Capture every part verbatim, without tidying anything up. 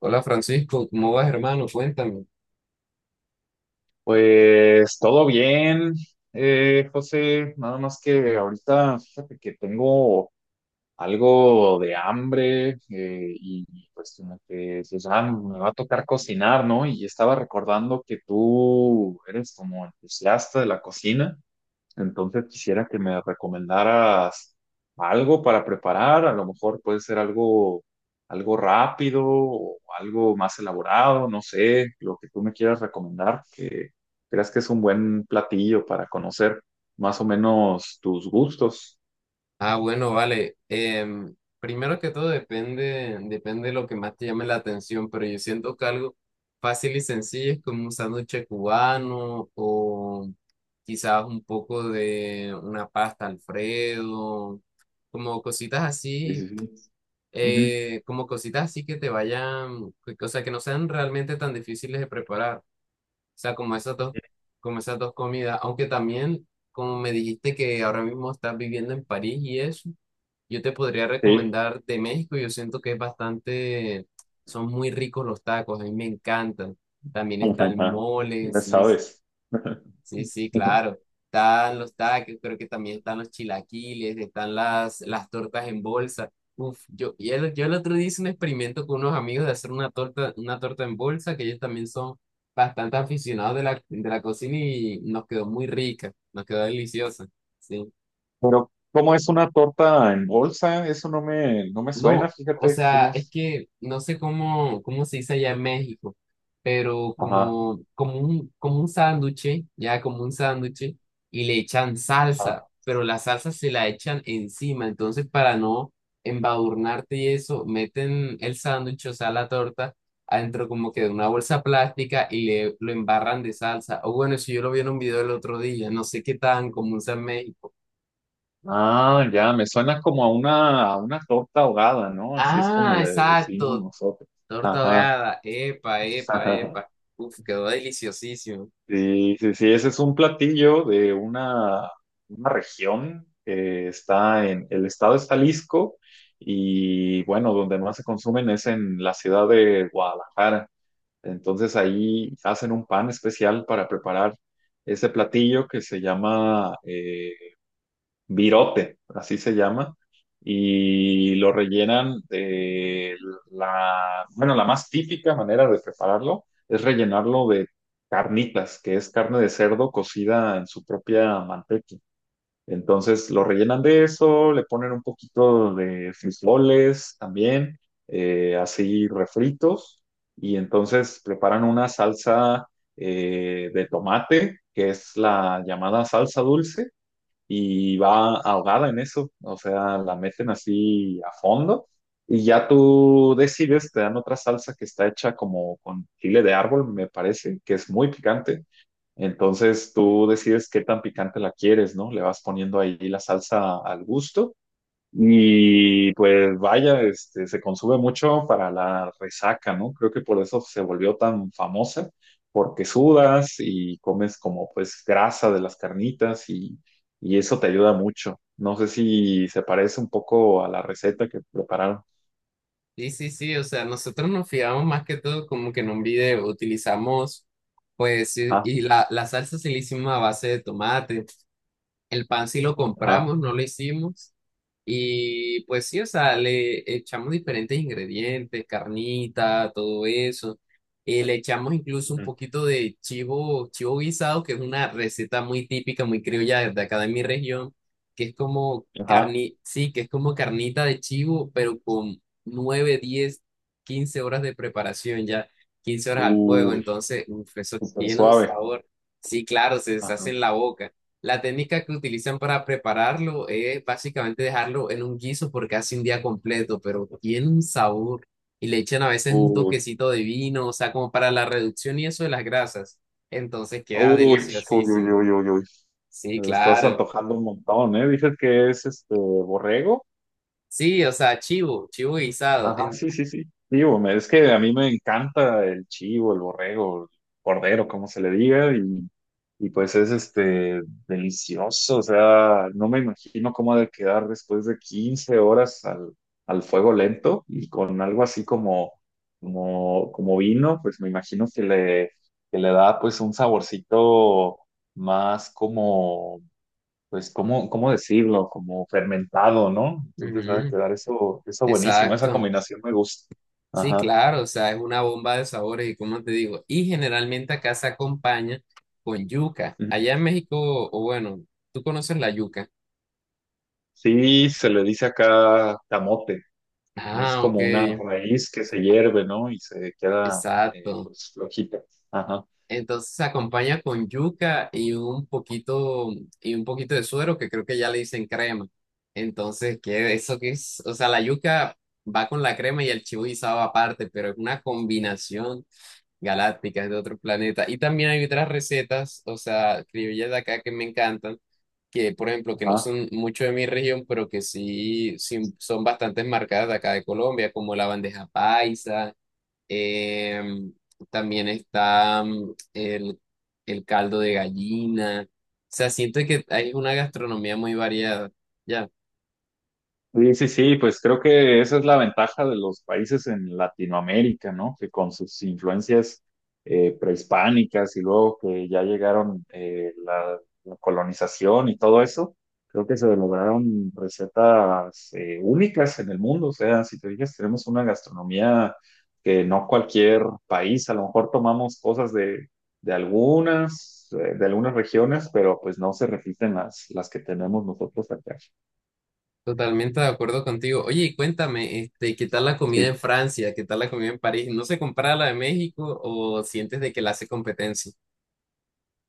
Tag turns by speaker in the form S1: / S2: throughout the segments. S1: Hola Francisco, ¿cómo vas, hermano? Cuéntame.
S2: Pues todo bien, eh, José, nada más que ahorita fíjate que tengo algo de hambre eh, y pues como que pues, ah, me va a tocar cocinar, ¿no? Y estaba recordando que tú eres como entusiasta de la cocina, entonces quisiera que me recomendaras algo para preparar, a lo mejor puede ser algo, algo rápido o algo más elaborado, no sé, lo que tú me quieras recomendar, que creas que es un buen platillo para conocer más o menos tus gustos.
S1: Ah, bueno, vale. Em, primero que todo, depende, depende de lo que más te llame la atención, pero yo siento que algo fácil y sencillo es como un sándwich cubano, o quizás un poco de una pasta Alfredo, como cositas
S2: Sí,
S1: así,
S2: sí, sí. Ujú.
S1: eh, como cositas así, que te vayan, que- o sea, que no sean realmente tan difíciles de preparar. Sea, como esas dos, como esas dos comidas, aunque también, como me dijiste que ahora mismo estás viviendo en París y eso, yo te podría
S2: Sí,
S1: recomendar de México. Yo siento que es bastante, son muy ricos los tacos, a mí me encantan. También está el mole,
S2: ya
S1: sí.
S2: sabes.
S1: Sí, sí, claro. Están los taques, creo que también están los chilaquiles, están las, las tortas en bolsa. Uf, yo, y el- yo el otro día hice un experimento con unos amigos de hacer una torta, una torta en bolsa. Que ellos también son bastante aficionados de la, de la cocina y nos quedó muy rica, nos quedó deliciosa. Sí.
S2: Pero, ¿cómo es una torta en bolsa? Eso no me, no me suena,
S1: No, o
S2: fíjate
S1: sea,
S2: cómo
S1: es
S2: es.
S1: que no sé cómo, cómo se dice allá en México, pero
S2: Ajá.
S1: como, como un, como un sándwich, ya como un sándwich, y le echan salsa, pero la salsa se la echan encima. Entonces, para no embadurnarte y eso, meten el sándwich, o sea, la torta, adentro como que de una bolsa plástica y le, lo embarran de salsa. O bueno, eso yo lo vi en un video el otro día, no sé qué tan común sea en México.
S2: Ah, ya, me suena como a una, a una torta ahogada, ¿no? Así es como
S1: Ah,
S2: le decimos
S1: exacto.
S2: nosotros.
S1: Torta
S2: Ajá.
S1: ahogada, epa, epa,
S2: Ajá.
S1: epa. Uf, quedó deliciosísimo.
S2: Sí, sí, sí, ese es un platillo de una, una región que está en, el estado es Jalisco, y bueno, donde más se consumen es en la ciudad de Guadalajara. Entonces ahí hacen un pan especial para preparar ese platillo que se llama eh, virote, así se llama, y lo rellenan de la, bueno, la más típica manera de prepararlo es rellenarlo de carnitas, que es carne de cerdo cocida en su propia manteca. Entonces lo rellenan de eso, le ponen un poquito de frijoles también, eh, así refritos, y entonces preparan una salsa eh, de tomate, que es la llamada salsa dulce, y va ahogada en eso, o sea, la meten así a fondo y ya tú decides, te dan otra salsa que está hecha como con chile de árbol, me parece, que es muy picante. Entonces tú decides qué tan picante la quieres, ¿no? Le vas poniendo ahí la salsa al gusto y pues vaya, este, se consume mucho para la resaca, ¿no? Creo que por eso se volvió tan famosa, porque sudas y comes como pues grasa de las carnitas y, y eso te ayuda mucho. No sé si se parece un poco a la receta que prepararon.
S1: Sí, sí, sí, o sea, nosotros nos fijamos más que todo como que en un video utilizamos, pues, y
S2: Ajá,
S1: y la, la salsa sí la hicimos a base de tomate, el pan sí lo
S2: ajá,
S1: compramos, no lo hicimos. Y pues sí, o sea, le echamos diferentes ingredientes, carnita, todo eso. Eh, le echamos incluso un
S2: ujú,
S1: poquito de chivo, chivo guisado, que es una receta muy típica, muy criolla de acá de mi región, que es como
S2: ajá.
S1: carni, sí, que es como carnita de chivo, pero con nueve diez quince horas de preparación ya, quince horas al fuego.
S2: Uy,
S1: Entonces, uf, eso
S2: súper
S1: tiene un
S2: suave.
S1: sabor. Sí, claro, se deshace
S2: Ajá.
S1: en la boca. La técnica que utilizan para prepararlo es básicamente dejarlo en un guiso por casi un día completo, pero tiene un sabor. Y le echan a veces un
S2: Uy,
S1: toquecito de vino, o sea, como para la reducción y eso de las grasas. Entonces queda
S2: uy, uy, uy,
S1: deliciosísimo.
S2: uy, uy, uy.
S1: Sí,
S2: Me lo estás
S1: claro.
S2: antojando un montón, ¿eh? Dices que es este borrego.
S1: Sí, o sea, chivo, chivo guisado.
S2: Ajá,
S1: En-
S2: sí, sí, sí. Digo, me- es que a mí me encanta el chivo, el borrego, el cordero, como se le diga, y, y pues es este delicioso. O sea, no me imagino cómo ha de quedar después de quince horas al, al fuego lento y con algo así como, como, como vino, pues me imagino que le, que le da pues un saborcito más, pues, ¿cómo, cómo decirlo? Como fermentado, ¿no? Entonces va a
S1: ujú,
S2: quedar eso, eso buenísimo, esa
S1: exacto.
S2: combinación me gusta.
S1: Sí,
S2: Ajá.
S1: claro, o sea, es una bomba de sabores, y como te digo, y generalmente acá se acompaña con yuca.
S2: Ujú.
S1: Allá en México, o bueno, tú conoces la yuca.
S2: Sí, se le dice acá camote, es
S1: Ah, ok,
S2: como una raíz que se hierve, ¿no? Y se queda, eh,
S1: exacto.
S2: pues, flojita. Ajá,
S1: Entonces se acompaña con yuca y un poquito, y un poquito de suero, que creo que ya le dicen crema. Entonces, ¿qué, eso qué es? O sea, la yuca va con la crema y el chivo guisado aparte, pero es una combinación galácticas de otro planeta. Y también hay otras recetas, o sea, criollas de acá que me encantan, que por ejemplo, que no
S2: ajá.
S1: son mucho de mi región, pero que sí, sí son bastante marcadas de acá de Colombia, como la bandeja paisa, em, también está mm, el, el caldo de gallina. O sea, siento que hay una gastronomía muy variada. Ya.
S2: Sí, sí, sí, pues creo que esa es la ventaja de los países en Latinoamérica, ¿no? Que con sus influencias eh, prehispánicas y luego que ya llegaron eh, la, la colonización y todo eso, creo que se lograron recetas eh, únicas en el mundo. O sea, si te fijas, tenemos una gastronomía que no cualquier país, a lo mejor tomamos cosas de, de algunas, eh, de algunas regiones, pero pues no se repiten las, las que tenemos nosotros acá.
S1: Totalmente de acuerdo contigo. Oye, y cuéntame, este, ¿qué tal la comida en
S2: Sí.
S1: Francia? ¿Qué tal la comida en París? ¿No se compara a la de México, o sientes de que la hace competencia?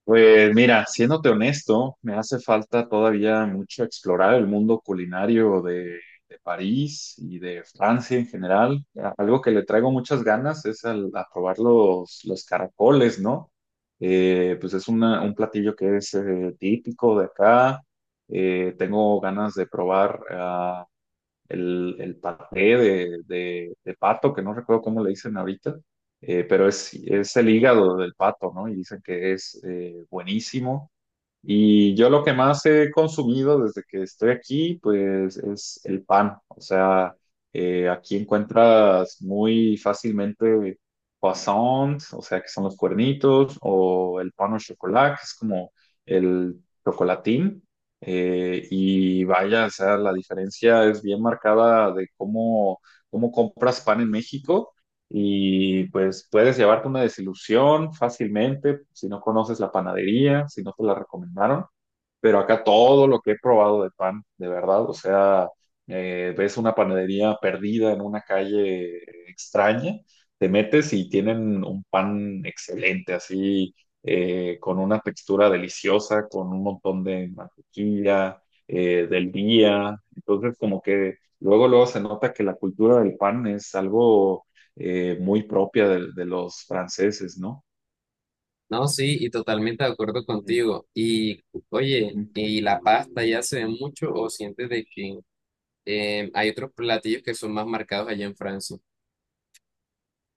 S2: Pues mira, siéndote honesto, me hace falta todavía mucho explorar el mundo culinario de, de París y de Francia en general. Algo que le traigo muchas ganas es al- a probar los, los caracoles, ¿no? Eh, pues es una- un platillo que es eh, típico de acá. Eh, tengo ganas de probar ah, el, el paté de, de- de pato, que no recuerdo cómo le dicen ahorita, eh, pero es, es el hígado del pato, ¿no? Y dicen que es eh, buenísimo. Y yo lo que más he consumido desde que estoy aquí, pues es el pan. O sea, eh, aquí encuentras muy fácilmente croissants, o sea, que son los cuernitos, o el pan au chocolat, que es como el chocolatín. Eh, y vaya, o sea, la diferencia es bien marcada de cómo, cómo compras pan en México. Y pues puedes llevarte una desilusión fácilmente si no conoces la panadería, si no te la recomendaron, pero acá todo lo que he probado de pan, de verdad, o sea, eh, ves una panadería perdida en una calle extraña, te metes y tienen un pan excelente, así, eh, con una textura deliciosa, con un montón de mantequilla, eh, del día, entonces como que luego, luego se nota que la cultura del pan es algo eh, muy propia de, de los franceses, ¿no?
S1: No, sí, y totalmente de acuerdo
S2: Ujú.
S1: contigo. Y oye,
S2: Ujú.
S1: ¿y la pasta ya se ve mucho, o sientes de que eh, hay otros platillos que son más marcados allá en Francia?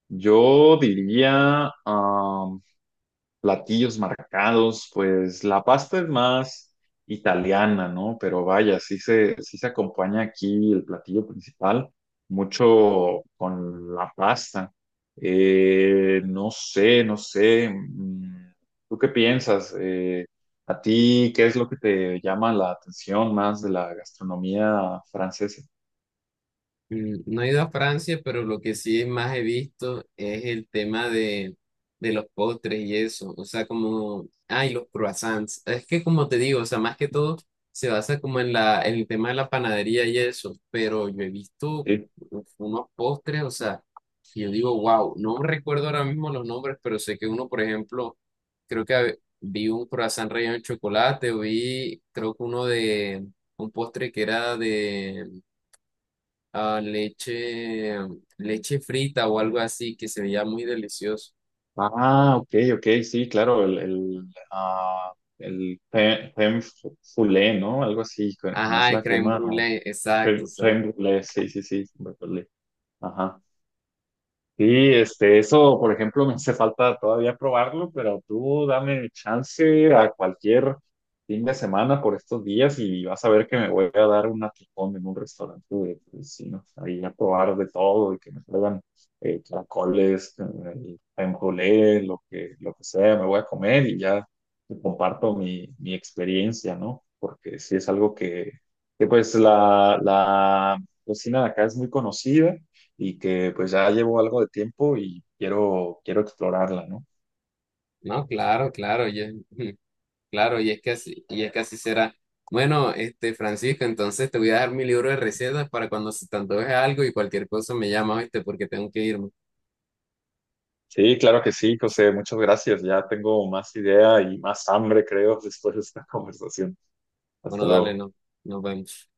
S2: Yo diría, platillos marcados, pues la pasta es más italiana, ¿no? Pero vaya, sí se, sí se acompaña aquí el platillo principal, mucho con la pasta. Eh, no sé, no sé. mm, ¿Tú qué piensas? Eh, ¿a ti qué es lo que te llama la atención más de la gastronomía francesa?
S1: Mm, no he ido a Francia, pero lo que sí más he visto es el tema de, de los postres y eso. O sea, como, ay, los croissants. Es que como te digo, o sea, más que todo se basa como en la, en el tema de la panadería y eso. Pero yo he visto
S2: Sí.
S1: uf, unos postres, o sea, que yo digo, wow, no recuerdo ahora mismo los nombres, pero sé que uno, por ejemplo, creo que hab- vi un croissant relleno de chocolate, o vi, creo que uno de, un postre que era de ah, leche, leche frita o algo así, que se veía muy delicioso.
S2: Ah, ok, ok, sí, claro, el, el, ah, el fe- femme foulée, ¿no? Algo así, co- como es
S1: Ajá, el
S2: la
S1: crème
S2: crema.
S1: brûlée, exacto,
S2: Femme
S1: exacto.
S2: femme brûlée, sí, sí, sí, me acordé. Ajá. Sí, este, eso, por ejemplo, me hace falta todavía probarlo, pero tú dame chance a cualquier fin de semana por estos días y vas a ver que me voy a dar un atracón en un restaurante de vecinos, ahí a probar de todo y que me traigan eh, caracoles, eh, crème brûlée, lo que, lo que sea, me voy a comer y ya te comparto mi, mi experiencia, ¿no? Porque sí es algo que, que pues la, la cocina de acá es muy conocida y que pues ya llevo algo de tiempo y quiero, quiero explorarla, ¿no?
S1: No, claro, claro, y es- claro, y es que así, y es que así será. Bueno, este, Francisco, entonces te voy a dar mi libro de recetas para cuando se te antoje algo, y cualquier cosa me llamas, ¿viste? Porque tengo que irme.
S2: Sí, claro que sí, José, muchas gracias. Ya tengo más idea y más hambre, creo, después de esta conversación. Hasta
S1: Bueno, dale,
S2: luego.
S1: no, nos vemos.